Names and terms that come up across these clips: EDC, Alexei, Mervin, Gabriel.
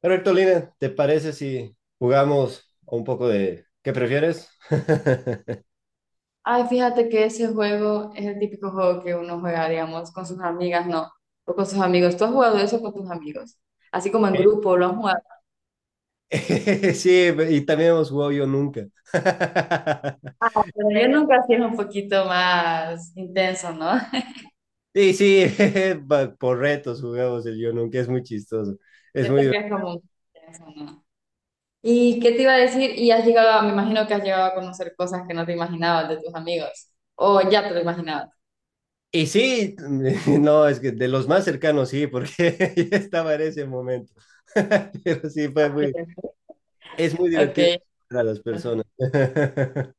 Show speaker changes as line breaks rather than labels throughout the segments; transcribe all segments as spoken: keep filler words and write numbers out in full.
Perfecto, Lina, ¿te parece si jugamos un poco de qué prefieres?
Ay, fíjate que ese juego es el típico juego que uno juega, digamos, con sus amigas, no, o con sus amigos. ¿Tú has jugado eso con tus amigos? Así como en grupo, lo has jugado.
Eh, Sí, y también hemos jugado yo nunca.
Pero yo nunca sí es un poquito más intenso, ¿no?
Y sí, pa- por retos jugamos el yo nunca, es muy chistoso, es muy
Siento que
divertido.
es como intenso, ¿no? ¿Y qué te iba a decir? Y has llegado, a- me imagino que has llegado a conocer cosas que no te imaginabas de tus amigos, o ya te lo imaginabas.
Y sí, no, es que de los más cercanos sí, porque ya estaba en ese momento. Pero sí, fue
Ok.
muy, es muy divertido para las personas.
Ok.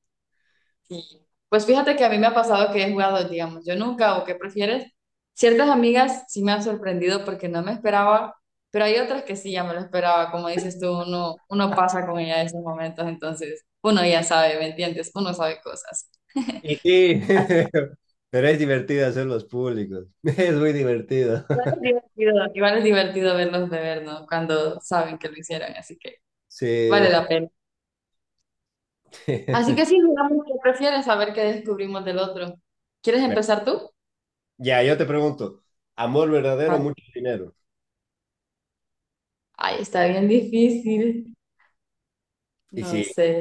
Sí. Pues fíjate que a mí me ha pasado que he jugado, digamos, yo nunca, o qué prefieres, ciertas amigas sí me han sorprendido porque no me esperaba, pero hay otras que sí ya me lo esperaba, como dices tú, uno, uno pasa con ella en esos momentos, entonces uno ya sabe, ¿me entiendes? Uno sabe cosas.
Y sí,
Así.
pero es divertido hacerlos públicos. Es muy divertido.
Igual es divertido, igual es divertido verlos beber, ¿no? Cuando saben que lo hicieron, así que vale
Sí.
la pena. Así que sí, digamos, ¿qué prefieres? A ver qué descubrimos del otro. ¿Quieres
Mira,
empezar tú?
ya, yo te pregunto, ¿amor verdadero,
Vale.
mucho dinero?
Ay, está bien difícil.
Y
No
sí,
sé.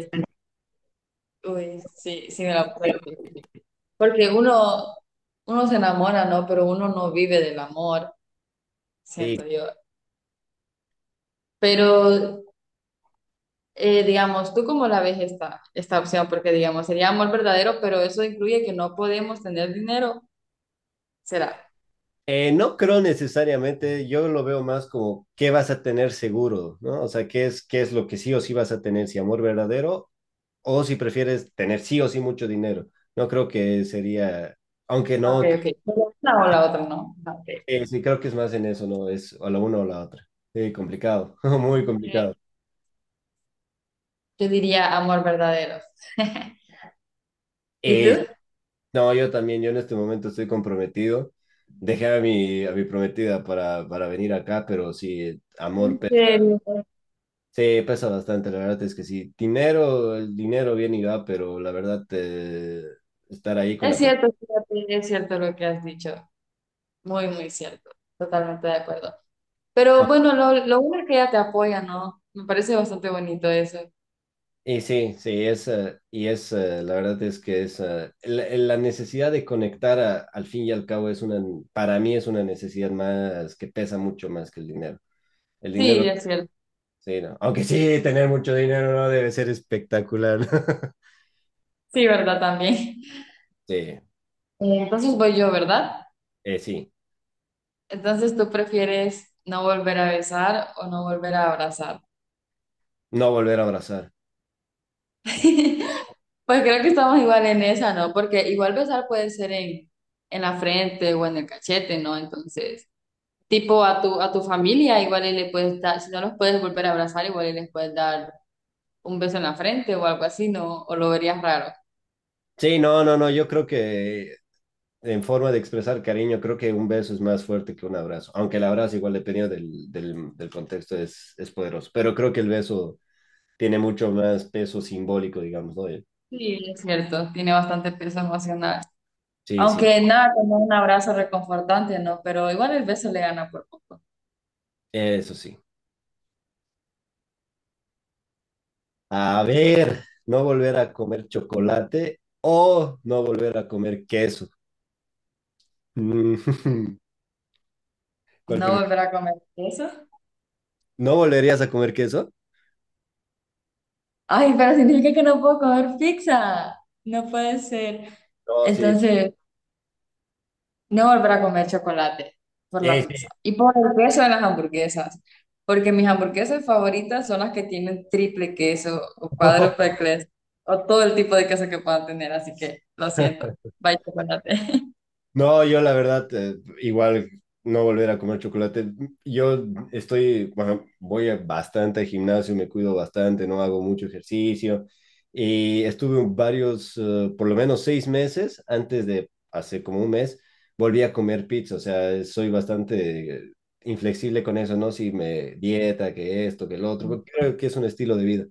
Uy, sí, sí me la puse difícil. Porque uno, uno se enamora, ¿no? Pero uno no vive del amor,
y,
siento yo. Pero, eh, digamos, ¿tú cómo la ves esta, esta opción? Porque, digamos, sería amor verdadero, pero eso incluye que no podemos tener dinero, ¿será?
eh, no creo necesariamente, yo lo veo más como qué vas a tener seguro, ¿no? O sea, qué es, qué es lo que sí o sí vas a tener, si amor verdadero o si prefieres tener sí o sí mucho dinero. No creo que sería, aunque
Ok,
no,
ok. Pero una o la otra, ¿no? Ah, ok.
eh, sí creo que es más en eso, ¿no? Es o la una o la otra. Sí, complicado, muy complicado.
Entonces, yo diría amor verdadero. ¿Y
Eh,
tú?
no, yo también, yo en este momento estoy comprometido. Dejé a mi, a mi prometida para, para venir acá, pero sí, amor
En
pesa.
serio.
Sí, pesa bastante, la verdad es que sí. Dinero, el dinero viene y va, pero la verdad, eh, estar ahí con la
Es
persona.
cierto, fíjate, es cierto lo que has dicho. Muy, muy cierto. Totalmente de acuerdo. Pero bueno, lo, lo bueno es que ella te apoya, ¿no? Me parece bastante bonito eso.
Y sí, sí, es, eh, y es, eh, la verdad es que es, eh, la, la necesidad de conectar a- al fin y al cabo es una, para mí es una necesidad más que pesa mucho más que el dinero. El dinero
Sí, es cierto.
sí, no. Aunque sí, tener mucho dinero no debe ser espectacular.
Sí, ¿verdad? También.
Sí,
Eh, Entonces voy yo, ¿verdad?
eh, sí.
Entonces tú prefieres no volver a besar o no volver a abrazar.
No volver a abrazar.
Pues creo que estamos igual en esa, ¿no? Porque igual besar puede ser en, en la frente o en el cachete, ¿no? Entonces, tipo a tu, a tu familia, igual y le puedes dar, si no los puedes volver a abrazar, igual y les puedes dar un beso en la frente o algo así, ¿no? O lo verías raro.
Sí, no, no, no. Yo creo que en forma de expresar cariño, creo que un beso es más fuerte que un abrazo. Aunque el abrazo, igual dependiendo del, del, del contexto, es, es poderoso. Pero creo que el beso tiene mucho más peso simbólico, digamos, ¿no? Eh,
Sí, es cierto, tiene bastante peso emocional.
Sí, sí.
Aunque nada, como un abrazo reconfortante, ¿no? Pero igual el beso le gana por poco.
Eso sí. A ver, no volver a comer chocolate o no volver a comer queso. ¿Cuál
No volver a comer eso.
¿no volverías a comer queso?
Ay, pero significa que no puedo comer pizza. No puede ser.
No, sí.
Entonces, no volver a comer chocolate por la
Sí, sí.
pizza. Y por el queso de las hamburguesas. Porque mis hamburguesas favoritas son las que tienen triple queso o cuádruple queso o todo el tipo de queso que puedan tener. Así que lo siento. Bye, chocolate.
No, yo la verdad, eh, igual no volver a comer chocolate. Yo estoy, bueno, voy a- bastante al gimnasio, me cuido bastante, no hago mucho ejercicio. Y estuve varios, eh, por lo menos seis meses, antes de hace como un mes, volví a comer pizza. O sea, soy bastante eh, inflexible con eso, ¿no? Si me dieta, que esto, que lo otro, porque creo que es un estilo de vida.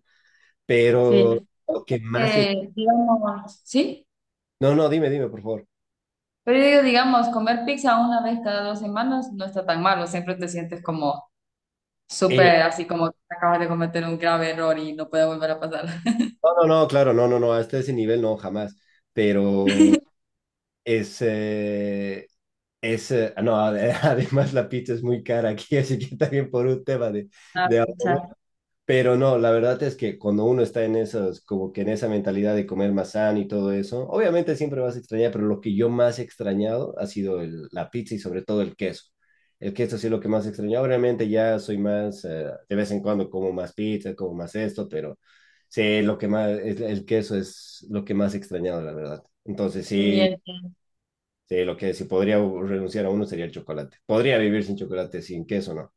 Pero
Sí.
lo que más
Eh, digamos, sí,
no, no, dime, dime, por favor.
pero yo digo, digamos, comer pizza una vez cada dos semanas no está tan malo, siempre te sientes como
Eh,
súper, así como que acabas de cometer un grave error y no puede volver a pasar.
No, no, no, claro, no, no, no, hasta ese nivel no, jamás. Pero es, eh, es, eh, no, ade- además la pizza es muy cara aquí, así que también por un tema de,
Ah,
de ahorro.
pucha,
Pero no, la verdad es que cuando uno está en esas, como que en esa mentalidad de comer más sano y todo eso, obviamente siempre vas a extrañar, pero lo que yo más he extrañado ha sido el- la pizza y sobre todo el queso. El queso sí es lo que más he extrañado. Obviamente ya soy más, eh, de vez en cuando como más pizza, como más esto, pero sí, lo que más, es- el queso es lo que más he extrañado, la verdad. Entonces
sí,
sí,
entiendo,
sí, lo que si podría renunciar a uno sería el chocolate. Podría vivir sin chocolate, sin queso, ¿no?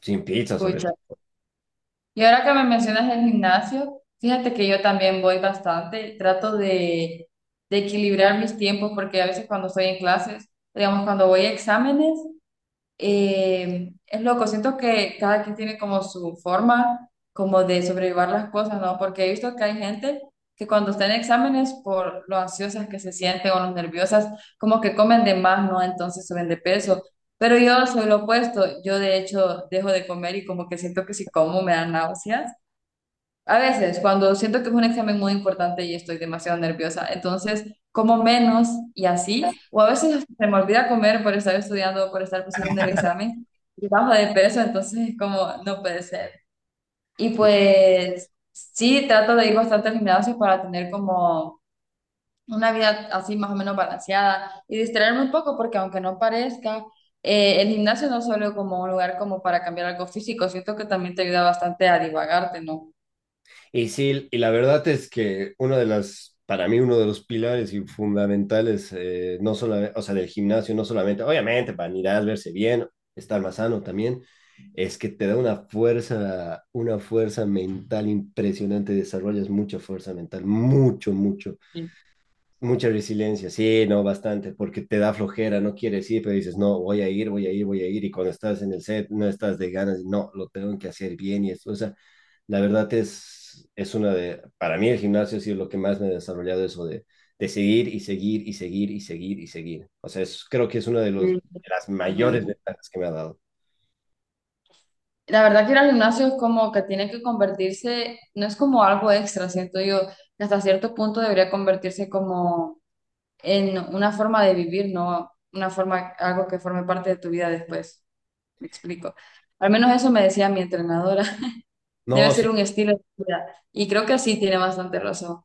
Sin pizza sobre
pucha.
todo.
Y ahora que me mencionas el gimnasio, fíjate que yo también voy bastante, trato de, de, equilibrar mis tiempos porque a veces cuando estoy en clases, digamos, cuando voy a exámenes. Eh, es loco, siento que cada quien tiene como su forma como de sobrellevar las cosas, ¿no? Porque he visto que hay gente que cuando está en exámenes, por lo ansiosas que se sienten o lo nerviosas, como que comen de más, ¿no? Entonces suben de peso. Pero yo soy lo opuesto, yo de hecho dejo de comer y como que siento que si como me dan náuseas a veces, cuando siento que es un examen muy importante y estoy demasiado nerviosa, entonces como menos y así, o a veces hasta se me olvida comer por estar estudiando, por estar pensando en el examen, y bajo de peso, entonces es como, no puede ser. Y pues sí, trato de ir bastante al gimnasio para tener como una vida así más o menos balanceada y distraerme un poco, porque aunque no parezca, eh, el gimnasio no es solo como un lugar como para cambiar algo físico, siento que también te ayuda bastante a divagarte, ¿no?
Y sí, y la verdad es que uno de las, para mí, uno de los pilares y fundamentales, eh, no solo o sea, del gimnasio, no solamente, obviamente, para mirar, verse bien, estar más sano también, es que te da una fuerza, una fuerza mental impresionante, desarrollas mucha fuerza mental, mucho, mucho, mucha resiliencia, sí, no, bastante, porque te da flojera, no quieres ir, pero dices, no, voy a ir, voy a ir, voy a ir, y cuando estás en el set, no estás de ganas, no, lo tengo que hacer bien, y eso, o sea, la verdad es, es una de, para mí el gimnasio ha sido lo que más me ha desarrollado eso de, de seguir y seguir y seguir y seguir y seguir. O sea, es- creo que es una de, los,
Mm,
de las mayores
exactamente.
ventajas que me ha dado.
La verdad que ir al gimnasio es como que tiene que convertirse, no es como algo extra, siento yo, que hasta cierto punto debería convertirse como en una forma de vivir, no una forma, algo que forme parte de tu vida después. Me explico. Al menos eso me decía mi entrenadora. Debe
No, sí,
ser un estilo de vida. Y creo que sí tiene bastante razón.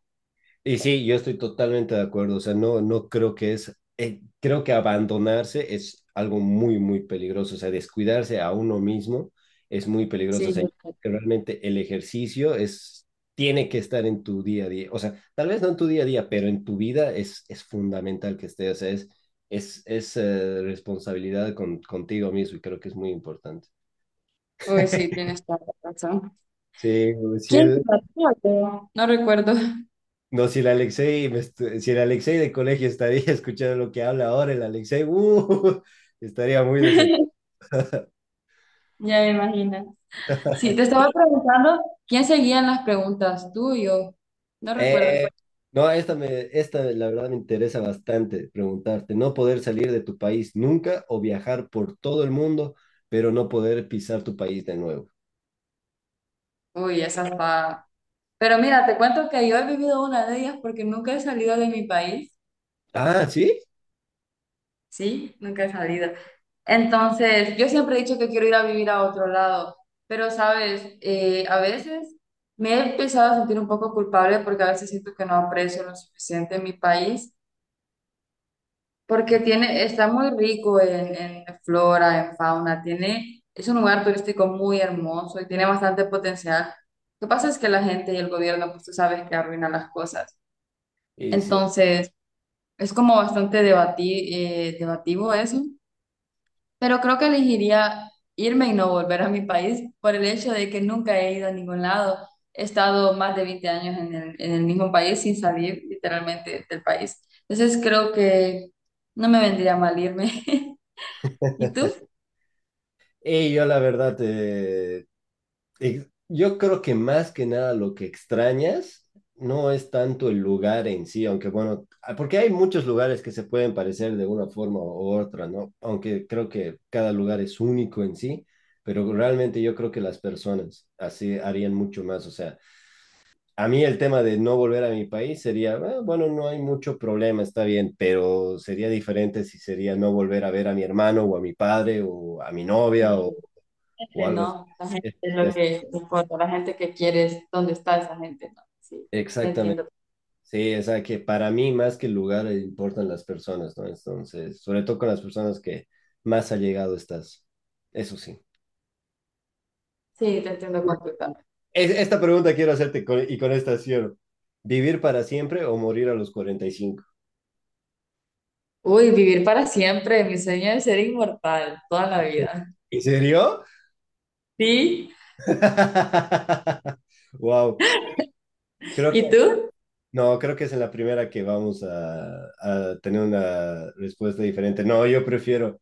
y sí, yo estoy totalmente de acuerdo. O sea, no, no creo que es, eh, creo que abandonarse es algo muy, muy peligroso. O sea, descuidarse a uno mismo es muy peligroso. O
Sí,
sea, yo creo que realmente el ejercicio es, tiene que estar en tu día a día. O sea, tal vez no en tu día a día, pero en tu vida es, es fundamental que esté. O sea, es, es, es eh, responsabilidad con, contigo mismo y creo que es muy importante.
uy, sí, tienes toda la razón.
Sí, sí,
¿Quién
el,
la puso? No recuerdo.
no, si el Alexei, me estu- si el Alexei de colegio estaría escuchando lo que habla ahora, el Alexei, uh, estaría muy decepcionado.
Ya me imagino. Sí, te estaba preguntando quién seguían las preguntas, tú y yo. No
Eh,
recuerdo.
no, esta, me, esta la verdad me interesa bastante preguntarte. No poder salir de tu país nunca o viajar por todo el mundo, pero no poder pisar tu país de nuevo.
Uy, esa está. Pero mira, te cuento que yo he vivido una de ellas porque nunca he salido de mi país.
Ah, ¿sí?
Sí, nunca he salido. Entonces, yo siempre he dicho que quiero ir a vivir a otro lado, pero sabes, Eh, a veces me he empezado a sentir un poco culpable porque a veces siento que no aprecio lo suficiente mi país. Porque tiene, está muy rico en, en, flora, en fauna, tiene, es un lugar turístico muy hermoso y tiene bastante potencial. Lo que pasa es que la gente y el gobierno, pues tú sabes que arruinan las cosas.
Y sí.
Entonces, es como bastante debati- eh, debativo eso, pero creo que elegiría irme y no volver a mi país por el hecho de que nunca he ido a ningún lado. He estado más de veinte años en el, en el mismo país sin salir literalmente del país. Entonces, creo que no me vendría mal irme. ¿Y tú?
Y yo la verdad, eh, ex- yo creo que más que nada lo que extrañas no es tanto el lugar en sí, aunque bueno, ah, porque hay muchos lugares que se pueden parecer de una forma u otra, ¿no? Aunque creo que cada lugar es único en sí, pero realmente yo creo que las personas así harían mucho más. O sea, a mí el tema de no volver a mi país sería, "Ah, bueno, no hay mucho problema, está bien", pero sería diferente si sería no volver a ver a mi hermano o a mi padre o a mi novia
Sí,
o, o
gente,
algo así.
no, la gente
Es-
es lo
es-
que importa, la gente que quieres, ¿dónde está esa gente? No, sí, te
Exactamente.
entiendo,
Sí, o sea, que para mí más que el lugar eh, importan las personas, ¿no? Entonces, sobre todo con las personas que más allegado estás. Eso sí.
sí, te entiendo completamente.
Es- esta pregunta quiero hacerte con- y con esta cierro. ¿Vivir para siempre o morir a los cuarenta y cinco?
Uy, vivir para siempre. Mi sueño es ser inmortal toda la vida.
¿En serio?
¿Sí?
Wow. Creo
¿Y tú?
no, creo que es en la primera que vamos a, a tener una respuesta diferente. No, yo prefiero,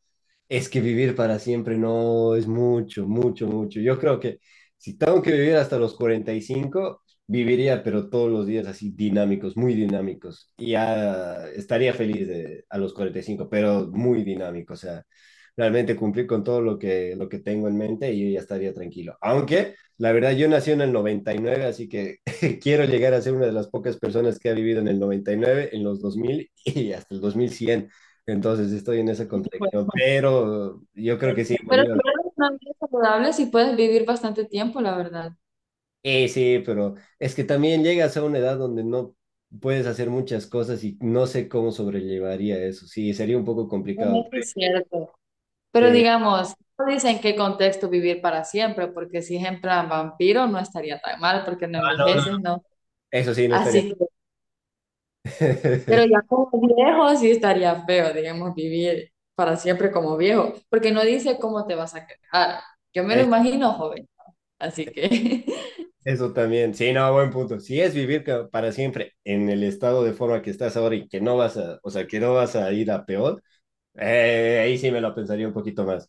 es que vivir para siempre no es mucho, mucho, mucho. Yo creo que si tengo que vivir hasta los cuarenta y cinco viviría, pero todos los días así dinámicos, muy dinámicos. Y ya estaría feliz de, a los cuarenta y cinco pero muy dinámico. O sea, realmente cumplir con todo lo que, lo que tengo en mente y yo ya estaría tranquilo. Aunque, la verdad, yo nací en el noventa y nueve así que quiero llegar a ser una de las pocas personas que ha vivido en el noventa y nueve, en los dos mil y hasta el dos mil cien. Entonces estoy en esa
Bueno,
contradicción, pero yo creo
bueno,
que sí,
pero
Bolívar.
si llevas una vida saludable, sí puedes vivir bastante tiempo, la verdad.
Eh, sí, sí, pero es que también llegas a una edad donde no puedes hacer muchas cosas y no sé cómo sobrellevaría eso. Sí, sería un poco
Bueno,
complicado.
eso es cierto. Pero
Sí,
digamos, no dice en qué contexto vivir para siempre, porque si es en plan vampiro no estaría tan mal, porque no
ah, no, no,
envejeces, ¿no?
eso sí, no estaría.
Así. Pero ya como viejo sí estaría feo, digamos, vivir para siempre como viejo, porque no dice cómo te vas a quejar. Yo me lo
Es-
imagino joven, así que
Eso también, sí, no, buen punto. Si es vivir ca- para siempre en el estado de forma que estás ahora y que no vas a, o sea, que no vas a ir a peor, Eh, ahí sí me lo pensaría un poquito más,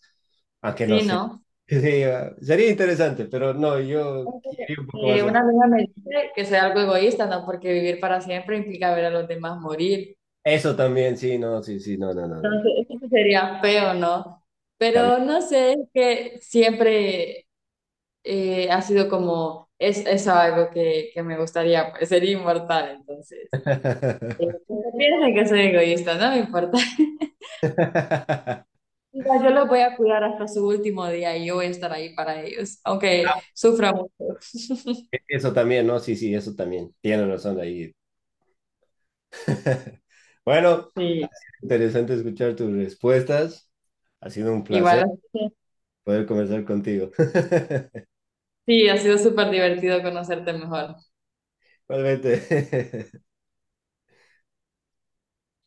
aunque no
sí,
sé.
¿no?
Sí, ah, sería interesante, pero no, yo
Entonces,
quería un poco
Eh,
más. A-
una amiga me dice que soy algo egoísta, ¿no? Porque vivir para siempre implica ver a los demás morir.
eso también, sí, no, sí, sí, no, no, no, no, no.
Entonces, eso sí sería feo, ¿no?
También.
Pero no sé, es que siempre eh, ha sido como, es, eso algo que, que me gustaría, pues, ser inmortal, entonces. Eh, Piensen que soy egoísta, no me importa. Mira, yo los voy a cuidar hasta su último día y yo voy a estar ahí para ellos, aunque sufra mucho.
Eso también, no, sí, sí, eso también. Tienes razón ahí. Bueno,
Sí,
interesante escuchar tus respuestas. Ha sido un placer
igual.
poder conversar contigo.
Sí, ha sido súper divertido conocerte mejor.
realmente.